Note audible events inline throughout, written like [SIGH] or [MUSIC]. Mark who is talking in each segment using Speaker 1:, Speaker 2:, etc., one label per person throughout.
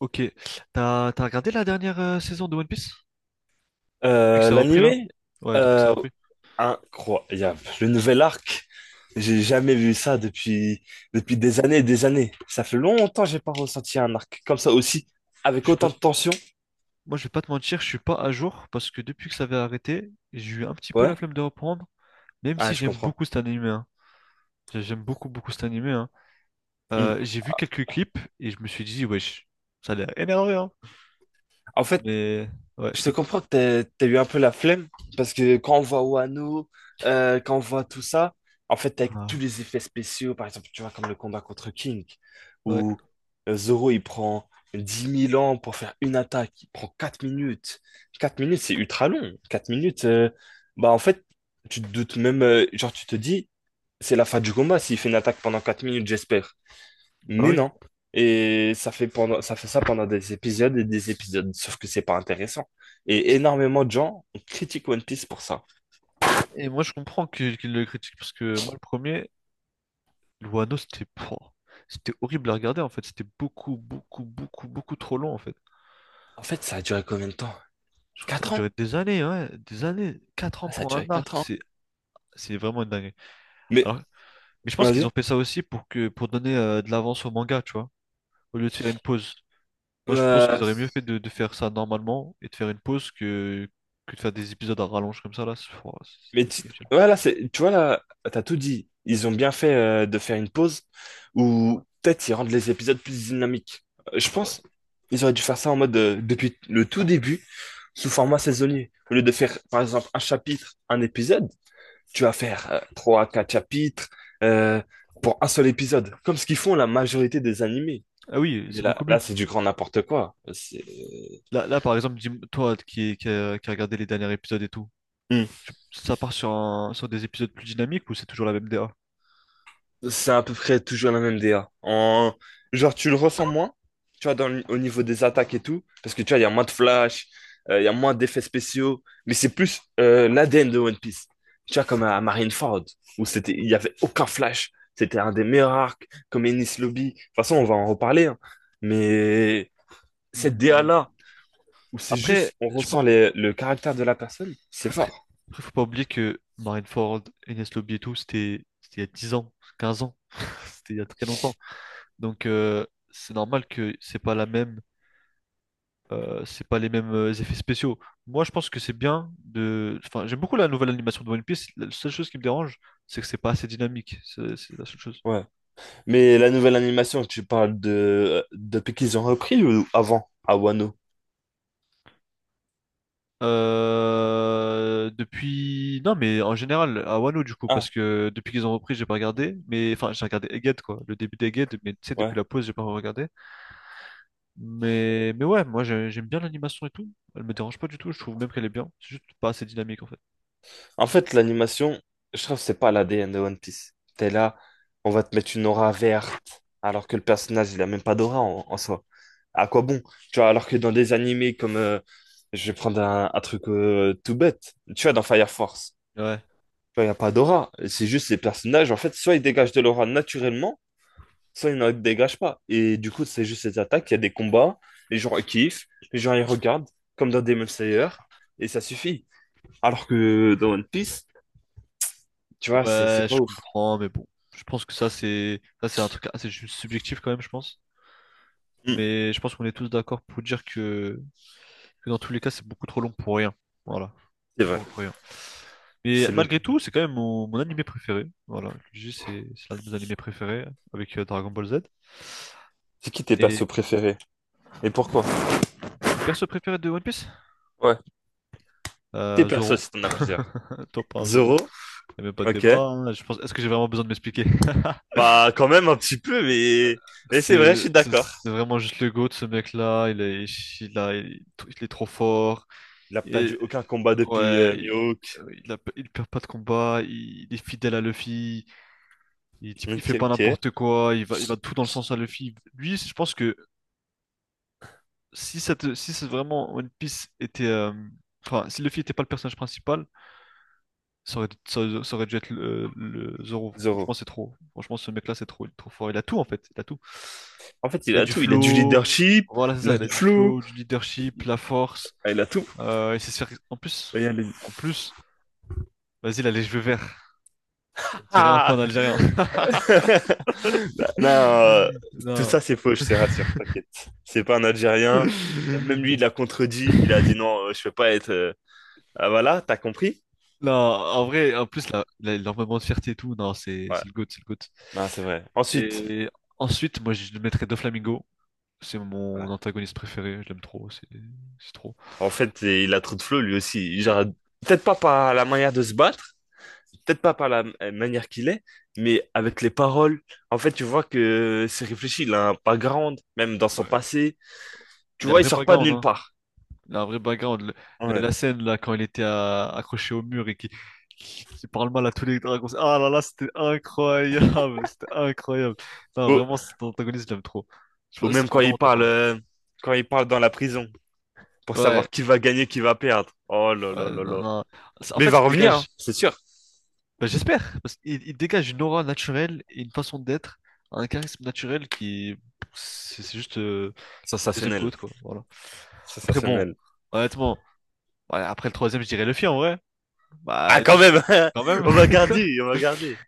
Speaker 1: Ok. T'as regardé la dernière saison de One Piece? Depuis que ça a repris là?
Speaker 2: L'animé,
Speaker 1: Ouais, depuis que ça a
Speaker 2: euh,
Speaker 1: repris.
Speaker 2: incroyable. Le nouvel arc, j'ai jamais vu ça depuis des années et des années. Ça fait longtemps que j'ai pas ressenti un arc comme ça aussi,
Speaker 1: Je
Speaker 2: avec
Speaker 1: suis pas...
Speaker 2: autant de tension.
Speaker 1: Moi, je vais pas te mentir, je suis pas à jour parce que depuis que ça avait arrêté, j'ai eu un petit peu la
Speaker 2: Ouais,
Speaker 1: flemme de reprendre, même
Speaker 2: ah,
Speaker 1: si
Speaker 2: je
Speaker 1: j'aime
Speaker 2: comprends.
Speaker 1: beaucoup cet animé, hein. J'aime beaucoup, beaucoup cet animé, hein.
Speaker 2: Hmm.
Speaker 1: J'ai vu quelques clips et je me suis dit, wesh, ça a l'air énervé, hein.
Speaker 2: En fait,
Speaker 1: Mais ouais,
Speaker 2: je te
Speaker 1: dis-moi.
Speaker 2: comprends que t'as eu un peu la flemme, parce que quand on voit Wano, quand on voit tout ça, en fait, avec
Speaker 1: Ah,
Speaker 2: tous les effets spéciaux, par exemple, tu vois, comme le combat contre King,
Speaker 1: ouais,
Speaker 2: où Zoro, il prend 10 000 ans pour faire une attaque, il prend 4 minutes. 4 minutes, c'est ultra long. 4 minutes, bah en fait, tu te doutes même, genre, tu te dis, c'est la fin du combat s'il fait une attaque pendant 4 minutes, j'espère.
Speaker 1: bah
Speaker 2: Mais
Speaker 1: oui.
Speaker 2: non. Et ça fait ça pendant des épisodes et des épisodes, sauf que c'est pas intéressant. Et énormément de gens critiquent One Piece pour ça.
Speaker 1: Et moi, je comprends qu'il le critique parce que moi, le premier, Wano, c'était pouah, c'était horrible à regarder en fait. C'était beaucoup, beaucoup, beaucoup, beaucoup trop long en fait.
Speaker 2: En fait, ça a duré combien de temps?
Speaker 1: Je crois que ça a
Speaker 2: 4 ans?
Speaker 1: duré des années, ouais, des années. Quatre ans
Speaker 2: Ah, ça a
Speaker 1: pour un
Speaker 2: duré
Speaker 1: arc,
Speaker 2: 4 ans.
Speaker 1: c'est vraiment une dinguerie.
Speaker 2: Mais,
Speaker 1: Alors, mais je pense qu'ils
Speaker 2: vas-y.
Speaker 1: ont fait ça aussi pour donner de l'avance au manga, tu vois, au lieu de faire une pause. Moi, je pense
Speaker 2: Euh,
Speaker 1: qu'ils auraient mieux fait de faire ça normalement et de faire une pause que de faire des épisodes à rallonge comme ça, là. C'est oh,
Speaker 2: mais tu-
Speaker 1: c'est inutile.
Speaker 2: voilà, c'est, tu vois là, t'as tout dit. Ils ont bien fait de faire une pause où peut-être ils rendent les épisodes plus dynamiques. Je
Speaker 1: Ouais.
Speaker 2: pense ils auraient dû faire ça en mode depuis le tout début, sous format saisonnier. Au lieu de faire, par exemple, un chapitre, un épisode, tu vas faire trois à quatre chapitres euh, pour un seul épisode, comme ce qu'ils font la majorité des animés.
Speaker 1: Ah oui,
Speaker 2: Mais
Speaker 1: c'est
Speaker 2: là,
Speaker 1: beaucoup mieux.
Speaker 2: là c'est du grand n'importe quoi. C'est
Speaker 1: Là, là, par exemple, dis- toi qui a regardé les derniers épisodes et tout,
Speaker 2: Hmm.
Speaker 1: ça part sur, sur des épisodes plus dynamiques ou c'est toujours la même DA?
Speaker 2: C'est à peu près toujours la même DA. Genre, tu le ressens moins, tu vois, au niveau des attaques et tout, parce que tu vois, il y a moins de flash, il y a moins d'effets spéciaux, mais c'est plus l'ADN de One Piece. Tu vois, comme à Marineford, il y avait aucun flash. C'était un des meilleurs arcs, comme Enies Lobby. De toute façon, on va en reparler, hein. Mais cette
Speaker 1: Hmm.
Speaker 2: DA-là, où c'est
Speaker 1: Après,
Speaker 2: juste, on
Speaker 1: je, pe-
Speaker 2: ressent le caractère de la personne, c'est
Speaker 1: après,
Speaker 2: fort.
Speaker 1: après, faut pas oublier que Marineford, Enes Lobby et tout, c'était il y a 10 ans, 15 ans, [LAUGHS] c'était il y a très longtemps. Donc c'est normal que c'est pas la même, c'est pas les mêmes effets spéciaux. Moi je pense que c'est bien de, enfin j'aime beaucoup la nouvelle animation de One Piece. La seule chose qui me dérange, c'est que c'est pas assez dynamique. C'est la seule chose.
Speaker 2: Ouais. Mais la nouvelle animation, tu parles de depuis qu'ils ont repris ou avant, à Wano?
Speaker 1: Non mais en général à Wano du coup parce
Speaker 2: Ah,
Speaker 1: que depuis qu'ils ont repris j'ai pas regardé, mais enfin j'ai regardé Egghead quoi, le début d'Egghead, mais tu sais depuis
Speaker 2: ouais.
Speaker 1: la pause j'ai pas regardé. Mais ouais moi j'aime bien l'animation et tout. Elle me dérange pas du tout. Je trouve même qu'elle est bien. C'est juste pas assez dynamique en fait.
Speaker 2: En fait, l'animation, je trouve que c'est pas la l'ADN de One Piece. T'es là, on va te mettre une aura verte, alors que le personnage, il a même pas d'aura en soi. À quoi bon? Tu vois, alors que dans des animés comme, je vais prendre un truc tout bête. Tu vois, dans Fire Force.
Speaker 1: Ouais.
Speaker 2: Il n'y a pas d'aura. C'est juste les personnages, en fait, soit ils dégagent de l'aura naturellement, soit ils n'en dégagent pas. Et du coup, c'est juste ces attaques, il y a des combats, les gens ils kiffent, les gens ils regardent, comme dans Demon Slayer, et ça suffit. Alors que dans One Piece, tu vois, c'est
Speaker 1: Ouais,
Speaker 2: c'est pas
Speaker 1: je
Speaker 2: ouf.
Speaker 1: comprends, mais bon. Je pense que ça, c'est un truc assez subjectif quand même, je pense.
Speaker 2: Hmm,
Speaker 1: Mais je pense qu'on est tous d'accord pour dire que dans tous les cas, c'est beaucoup trop long pour rien. Voilà.
Speaker 2: c'est vrai,
Speaker 1: Pour rien. Mais
Speaker 2: c'est long.
Speaker 1: malgré tout, c'est quand même mon, mon animé préféré. Voilà, je le dis, c'est l'un de mes animés préférés avec Dragon Ball Z.
Speaker 2: C'est qui tes
Speaker 1: Et
Speaker 2: persos préférés? Et pourquoi?
Speaker 1: le perso préféré de One Piece?
Speaker 2: Ouais, tes
Speaker 1: Zoro.
Speaker 2: persos si t'en as plusieurs.
Speaker 1: [LAUGHS] Top un
Speaker 2: Zoro?
Speaker 1: Zoro. Il n'y a même pas de
Speaker 2: Ok.
Speaker 1: débat, hein. Je pense... Est-ce que j'ai vraiment besoin de m'expliquer? [LAUGHS]
Speaker 2: Bah, quand même un petit peu, mais c'est vrai, je
Speaker 1: C'est
Speaker 2: suis
Speaker 1: c'est-
Speaker 2: d'accord.
Speaker 1: c'est vraiment juste le GOAT, ce mec-là. Il a- il il est trop fort.
Speaker 2: Il a
Speaker 1: Et
Speaker 2: perdu aucun combat depuis
Speaker 1: ouais,
Speaker 2: Mihawk.
Speaker 1: il perd pas de combat. Il est fidèle à Luffy. Il
Speaker 2: Ok,
Speaker 1: fait pas
Speaker 2: ok.
Speaker 1: n'importe quoi. Il va tout dans le sens à Luffy. Lui, je pense que si c'est vraiment One Piece était, enfin, si Luffy était pas le personnage principal, ça aurait, ça, aurait ça aurait dû être le Zoro. Franchement,
Speaker 2: Zoro.
Speaker 1: c'est trop. Franchement, ce mec-là, c'est trop, il est trop fort. Il a tout en fait. Il a tout.
Speaker 2: En fait, il
Speaker 1: Il a
Speaker 2: a
Speaker 1: du
Speaker 2: tout. Il a du
Speaker 1: flow.
Speaker 2: leadership,
Speaker 1: Voilà, c'est
Speaker 2: il
Speaker 1: ça.
Speaker 2: a
Speaker 1: Il a
Speaker 2: du
Speaker 1: du
Speaker 2: flow,
Speaker 1: flow, du leadership, la force.
Speaker 2: ah, il a tout.
Speaker 1: Il sait se faire.
Speaker 2: Et elle est-
Speaker 1: En plus, vas-y, il a les cheveux verts. On dirait un peu un
Speaker 2: Ah.
Speaker 1: Algérien.
Speaker 2: [LAUGHS] Bah, non,
Speaker 1: [LAUGHS]
Speaker 2: tout
Speaker 1: Non.
Speaker 2: ça c'est faux, je te rassure, t'inquiète. C'est pas un Algérien. Même lui, il l'a contredit. Il a dit non, je peux pas être. Ah, voilà, t'as compris?
Speaker 1: Non, en vrai, en plus, là, il a énormément de fierté et tout. Non, c'est
Speaker 2: Ouais.
Speaker 1: c'est le GOAT, c'est le GOAT.
Speaker 2: Non, c'est vrai. Ensuite,
Speaker 1: Et ensuite, moi, je le mettrais Doflamingo. C'est mon
Speaker 2: ouais.
Speaker 1: antagoniste préféré. Je l'aime trop. C'est trop.
Speaker 2: En fait, il a trop de flow lui aussi.
Speaker 1: Et-
Speaker 2: Genre, peut-être pas par la manière de se battre, peut-être pas par la manière qu'il est, mais avec les paroles. En fait, tu vois que c'est réfléchi. Il a un background, même dans son
Speaker 1: ouais.
Speaker 2: passé. Tu
Speaker 1: Il a un
Speaker 2: vois, il
Speaker 1: vrai
Speaker 2: sort pas de
Speaker 1: background,
Speaker 2: nulle
Speaker 1: hein.
Speaker 2: part.
Speaker 1: La vraie background.
Speaker 2: Ouais.
Speaker 1: La scène, là, quand il était accroché au mur et qui parle mal à tous les dragons. Ah là là, c'était incroyable. [LAUGHS] C'était incroyable. Non,
Speaker 2: Ou,
Speaker 1: vraiment, cet antagoniste, j'aime trop.
Speaker 2: ou
Speaker 1: Je C'est
Speaker 2: même
Speaker 1: mon vraiment top 1.
Speaker 2: quand il parle dans la prison pour
Speaker 1: Ouais.
Speaker 2: savoir qui va gagner, qui va perdre. Oh là là
Speaker 1: Ouais,
Speaker 2: là
Speaker 1: non,
Speaker 2: là.
Speaker 1: non. C'est- En
Speaker 2: Mais il
Speaker 1: fait,
Speaker 2: va
Speaker 1: il
Speaker 2: revenir, hein,
Speaker 1: dégage.
Speaker 2: c'est sûr.
Speaker 1: Bah, j'espère. Parce qu'il il dégage une aura naturelle et une façon d'être. Un charisme naturel qui. C'est juste le deuxième GOAT,
Speaker 2: Sensationnel.
Speaker 1: quoi. Voilà. Après, bon,
Speaker 2: Sensationnel.
Speaker 1: honnêtement, ouais, après le troisième, je dirais le film en vrai. Bah,
Speaker 2: Ah, quand
Speaker 1: juste
Speaker 2: même,
Speaker 1: quand
Speaker 2: [LAUGHS]
Speaker 1: même.
Speaker 2: on va
Speaker 1: [LAUGHS]
Speaker 2: garder, on va garder.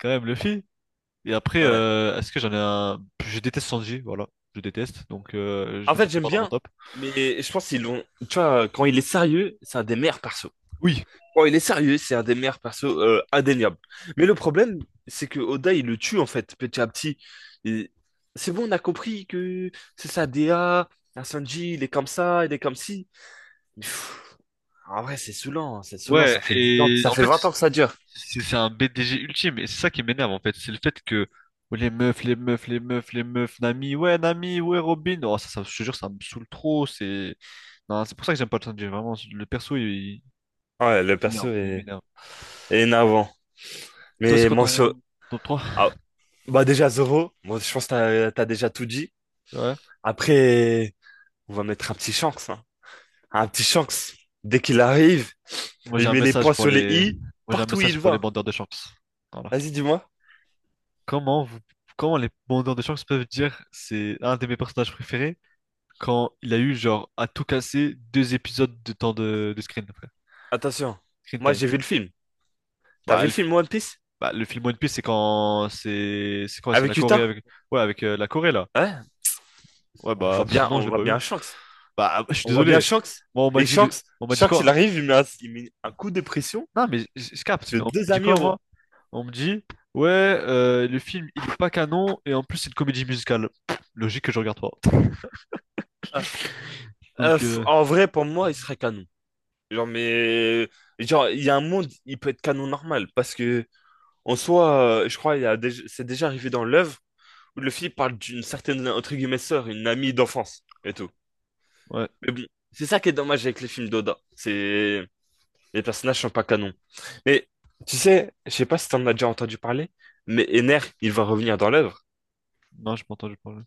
Speaker 1: Quand même Luffy. Et après,
Speaker 2: Ouais.
Speaker 1: est-ce que j'en ai un... Je déteste Sanji, voilà. Je déteste, donc je
Speaker 2: En
Speaker 1: le
Speaker 2: fait,
Speaker 1: mettrai
Speaker 2: j'aime
Speaker 1: pas dans mon
Speaker 2: bien,
Speaker 1: top.
Speaker 2: mais je pense qu'ils l'ont. Tu vois, quand il est sérieux, c'est un des meilleurs persos.
Speaker 1: Oui.
Speaker 2: Oh, il est sérieux, c'est un des meilleurs persos indéniable. Mais le problème, c'est que Oda, il le tue en fait, petit à petit. Et c'est bon, on a compris que c'est ça, DA, un Sanji, il est comme ça, il est comme ci. Mais pff, en vrai, c'est saoulant, hein, c'est saoulant,
Speaker 1: Ouais,
Speaker 2: ça fait 10 ans,
Speaker 1: et
Speaker 2: ça
Speaker 1: en
Speaker 2: fait
Speaker 1: fait,
Speaker 2: 20 ans que ça dure.
Speaker 1: c'est un BDG ultime, et c'est ça qui m'énerve, en fait. C'est le fait que oh, les meufs, les meufs, les meufs, les meufs, Nami, ouais, Robin. Oh, ça, je te jure, ça me saoule trop, c'est... Non, c'est pour ça que j'aime pas le Sanji, vraiment. Le perso, il
Speaker 2: Ouais, le perso
Speaker 1: m'énerve, il
Speaker 2: est,
Speaker 1: m'énerve.
Speaker 2: est énervant.
Speaker 1: Et toi, c'est
Speaker 2: Mais
Speaker 1: quoi
Speaker 2: mon so-
Speaker 1: ton top 3
Speaker 2: ah, bah déjà Zoro, moi, je pense que t'as déjà tout dit.
Speaker 1: Ouais.
Speaker 2: Après, on va mettre un petit chance. Un petit Shanks, dès qu'il arrive,
Speaker 1: Moi, j'ai
Speaker 2: il
Speaker 1: un
Speaker 2: met les
Speaker 1: message
Speaker 2: points
Speaker 1: pour
Speaker 2: sur les
Speaker 1: les...
Speaker 2: i,
Speaker 1: Moi, j'ai un
Speaker 2: partout où
Speaker 1: message
Speaker 2: il
Speaker 1: pour les
Speaker 2: va.
Speaker 1: bandeurs de chance. Voilà.
Speaker 2: Vas-y, dis-moi.
Speaker 1: Comment vous, Comment les demandeurs de chance peuvent dire c'est un de mes personnages préférés quand il a eu genre à tout casser deux épisodes de temps de screen après.
Speaker 2: Attention,
Speaker 1: Screen
Speaker 2: moi
Speaker 1: time.
Speaker 2: j'ai vu le film. T'as vu
Speaker 1: Bah,
Speaker 2: le
Speaker 1: le,
Speaker 2: film One Piece?
Speaker 1: Bah, le film One Piece c'est quand c'est la
Speaker 2: Avec
Speaker 1: Corée
Speaker 2: Utah?
Speaker 1: avec ouais avec la Corée là.
Speaker 2: Ouais,
Speaker 1: Ouais
Speaker 2: on
Speaker 1: bah
Speaker 2: voit
Speaker 1: pff,
Speaker 2: bien,
Speaker 1: non je
Speaker 2: on
Speaker 1: l'ai
Speaker 2: voit
Speaker 1: pas vu.
Speaker 2: bien Shanks.
Speaker 1: Bah ah, je suis
Speaker 2: On voit bien
Speaker 1: désolé.
Speaker 2: Shanks.
Speaker 1: Moi on m'a
Speaker 2: Et
Speaker 1: dit le-
Speaker 2: Shanks,
Speaker 1: On m'a dit
Speaker 2: Shanks, il
Speaker 1: quoi?
Speaker 2: arrive, il met un coup de pression
Speaker 1: Non mais je capte
Speaker 2: sur
Speaker 1: mais on me
Speaker 2: deux
Speaker 1: dit quoi
Speaker 2: amiraux.
Speaker 1: moi? On me dit ouais le film il est pas canon et en plus c'est une comédie musicale. Pff, logique que je regarde pas.
Speaker 2: Ah,
Speaker 1: Donc
Speaker 2: en vrai, pour moi, il serait canon. Genre, mais genre, il y a un monde, il peut être canon normal parce que en soi, je crois, il y a déjà- c'est déjà arrivé dans l'œuvre. Luffy parle d'une certaine, entre guillemets, sœur, une amie d'enfance et tout.
Speaker 1: ouais
Speaker 2: Mais bon, c'est ça qui est dommage avec les films d'Oda. Les personnages sont pas canons. Mais, tu sais, je sais pas si t'en as déjà entendu parler, mais Ener, il va revenir dans l'œuvre.
Speaker 1: non je m'entends je parle.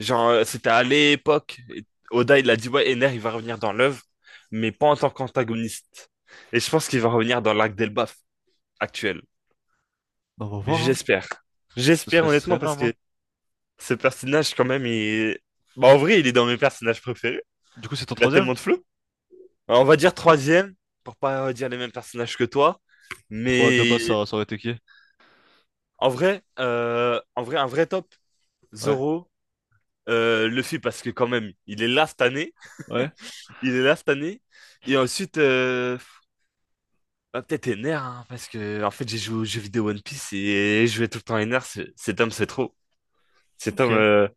Speaker 2: Genre, c'était à l'époque, et Oda, il a dit, ouais, Ener, il va revenir dans l'œuvre, mais pas en tant qu'antagoniste. Et je pense qu'il va revenir dans l'arc d'Elbaf actuel.
Speaker 1: Bah, on va voir, hein.
Speaker 2: J'espère. J'espère,
Speaker 1: Ce serait
Speaker 2: honnêtement, parce
Speaker 1: énorme, hein.
Speaker 2: que ce personnage, quand même, il, bah, en vrai, il est dans mes personnages préférés.
Speaker 1: Du coup, c'est ton
Speaker 2: Il a
Speaker 1: troisième?
Speaker 2: tellement de flow. Alors, on va dire troisième, pour pas dire les mêmes personnages que toi.
Speaker 1: Pro de
Speaker 2: Mais
Speaker 1: base, ça aurait été qui?
Speaker 2: en vrai, un vrai top,
Speaker 1: Ouais.
Speaker 2: Zoro, Luffy, parce que quand même, il est là cette année.
Speaker 1: Ouais.
Speaker 2: Il est là cette année. Et ensuite, bah, peut-être Ener, hein, parce que en fait, j'ai joué aux jeux vidéo One Piece et je jouais tout le temps Ener. Cet homme, c'est trop. Cet
Speaker 1: Ok.
Speaker 2: homme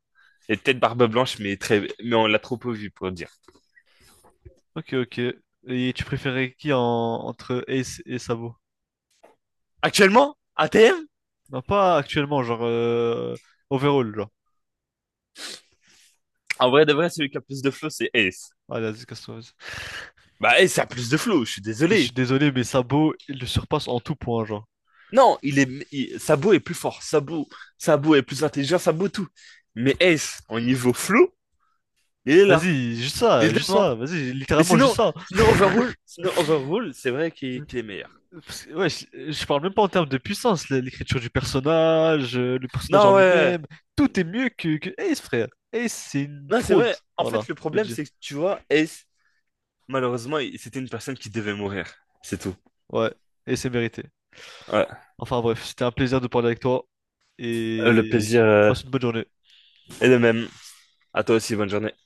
Speaker 2: est peut-être barbe blanche, mais on l'a trop peu vu pour le dire.
Speaker 1: Ok, ok. Et tu préférais qui en, entre Ace et Sabo?
Speaker 2: Actuellement, ATM,
Speaker 1: Non, pas actuellement, genre, overall, genre.
Speaker 2: en vrai de vrai, celui qui a plus de flow, c'est Ace.
Speaker 1: Allez, vas-y, casse-toi, vas-y.
Speaker 2: Bah, Ace a plus de flow, je suis
Speaker 1: Je suis
Speaker 2: désolé.
Speaker 1: désolé, mais Sabo, il le surpasse en tout point, genre.
Speaker 2: Non, Sabo est plus fort. Sabo est plus intelligent. Sabo tout. Mais Ace, en niveau flow, il est là.
Speaker 1: Vas-y,
Speaker 2: Il est
Speaker 1: juste
Speaker 2: devant.
Speaker 1: ça, vas-y,
Speaker 2: Mais
Speaker 1: littéralement juste
Speaker 2: sinon,
Speaker 1: ça.
Speaker 2: sinon Overrule, sinon Overrule, c'est vrai qu'il est meilleur.
Speaker 1: Parce que, ouais, je parle même pas en termes de puissance, l'écriture du personnage, le personnage en
Speaker 2: Non, ouais. Ouais, ouais.
Speaker 1: lui-même, tout est mieux que Ace, frère. Ace, c'est une
Speaker 2: Non, c'est
Speaker 1: fraude,
Speaker 2: vrai. En
Speaker 1: voilà,
Speaker 2: fait, le problème,
Speaker 1: budget.
Speaker 2: c'est que tu vois, Ace, malheureusement, c'était une personne qui devait mourir. C'est tout.
Speaker 1: Ouais, et c'est mérité.
Speaker 2: Ouais.
Speaker 1: Enfin bref, c'était un plaisir de parler avec toi
Speaker 2: Le
Speaker 1: et
Speaker 2: plaisir
Speaker 1: passe une bonne journée.
Speaker 2: est le même. À toi aussi, bonne journée.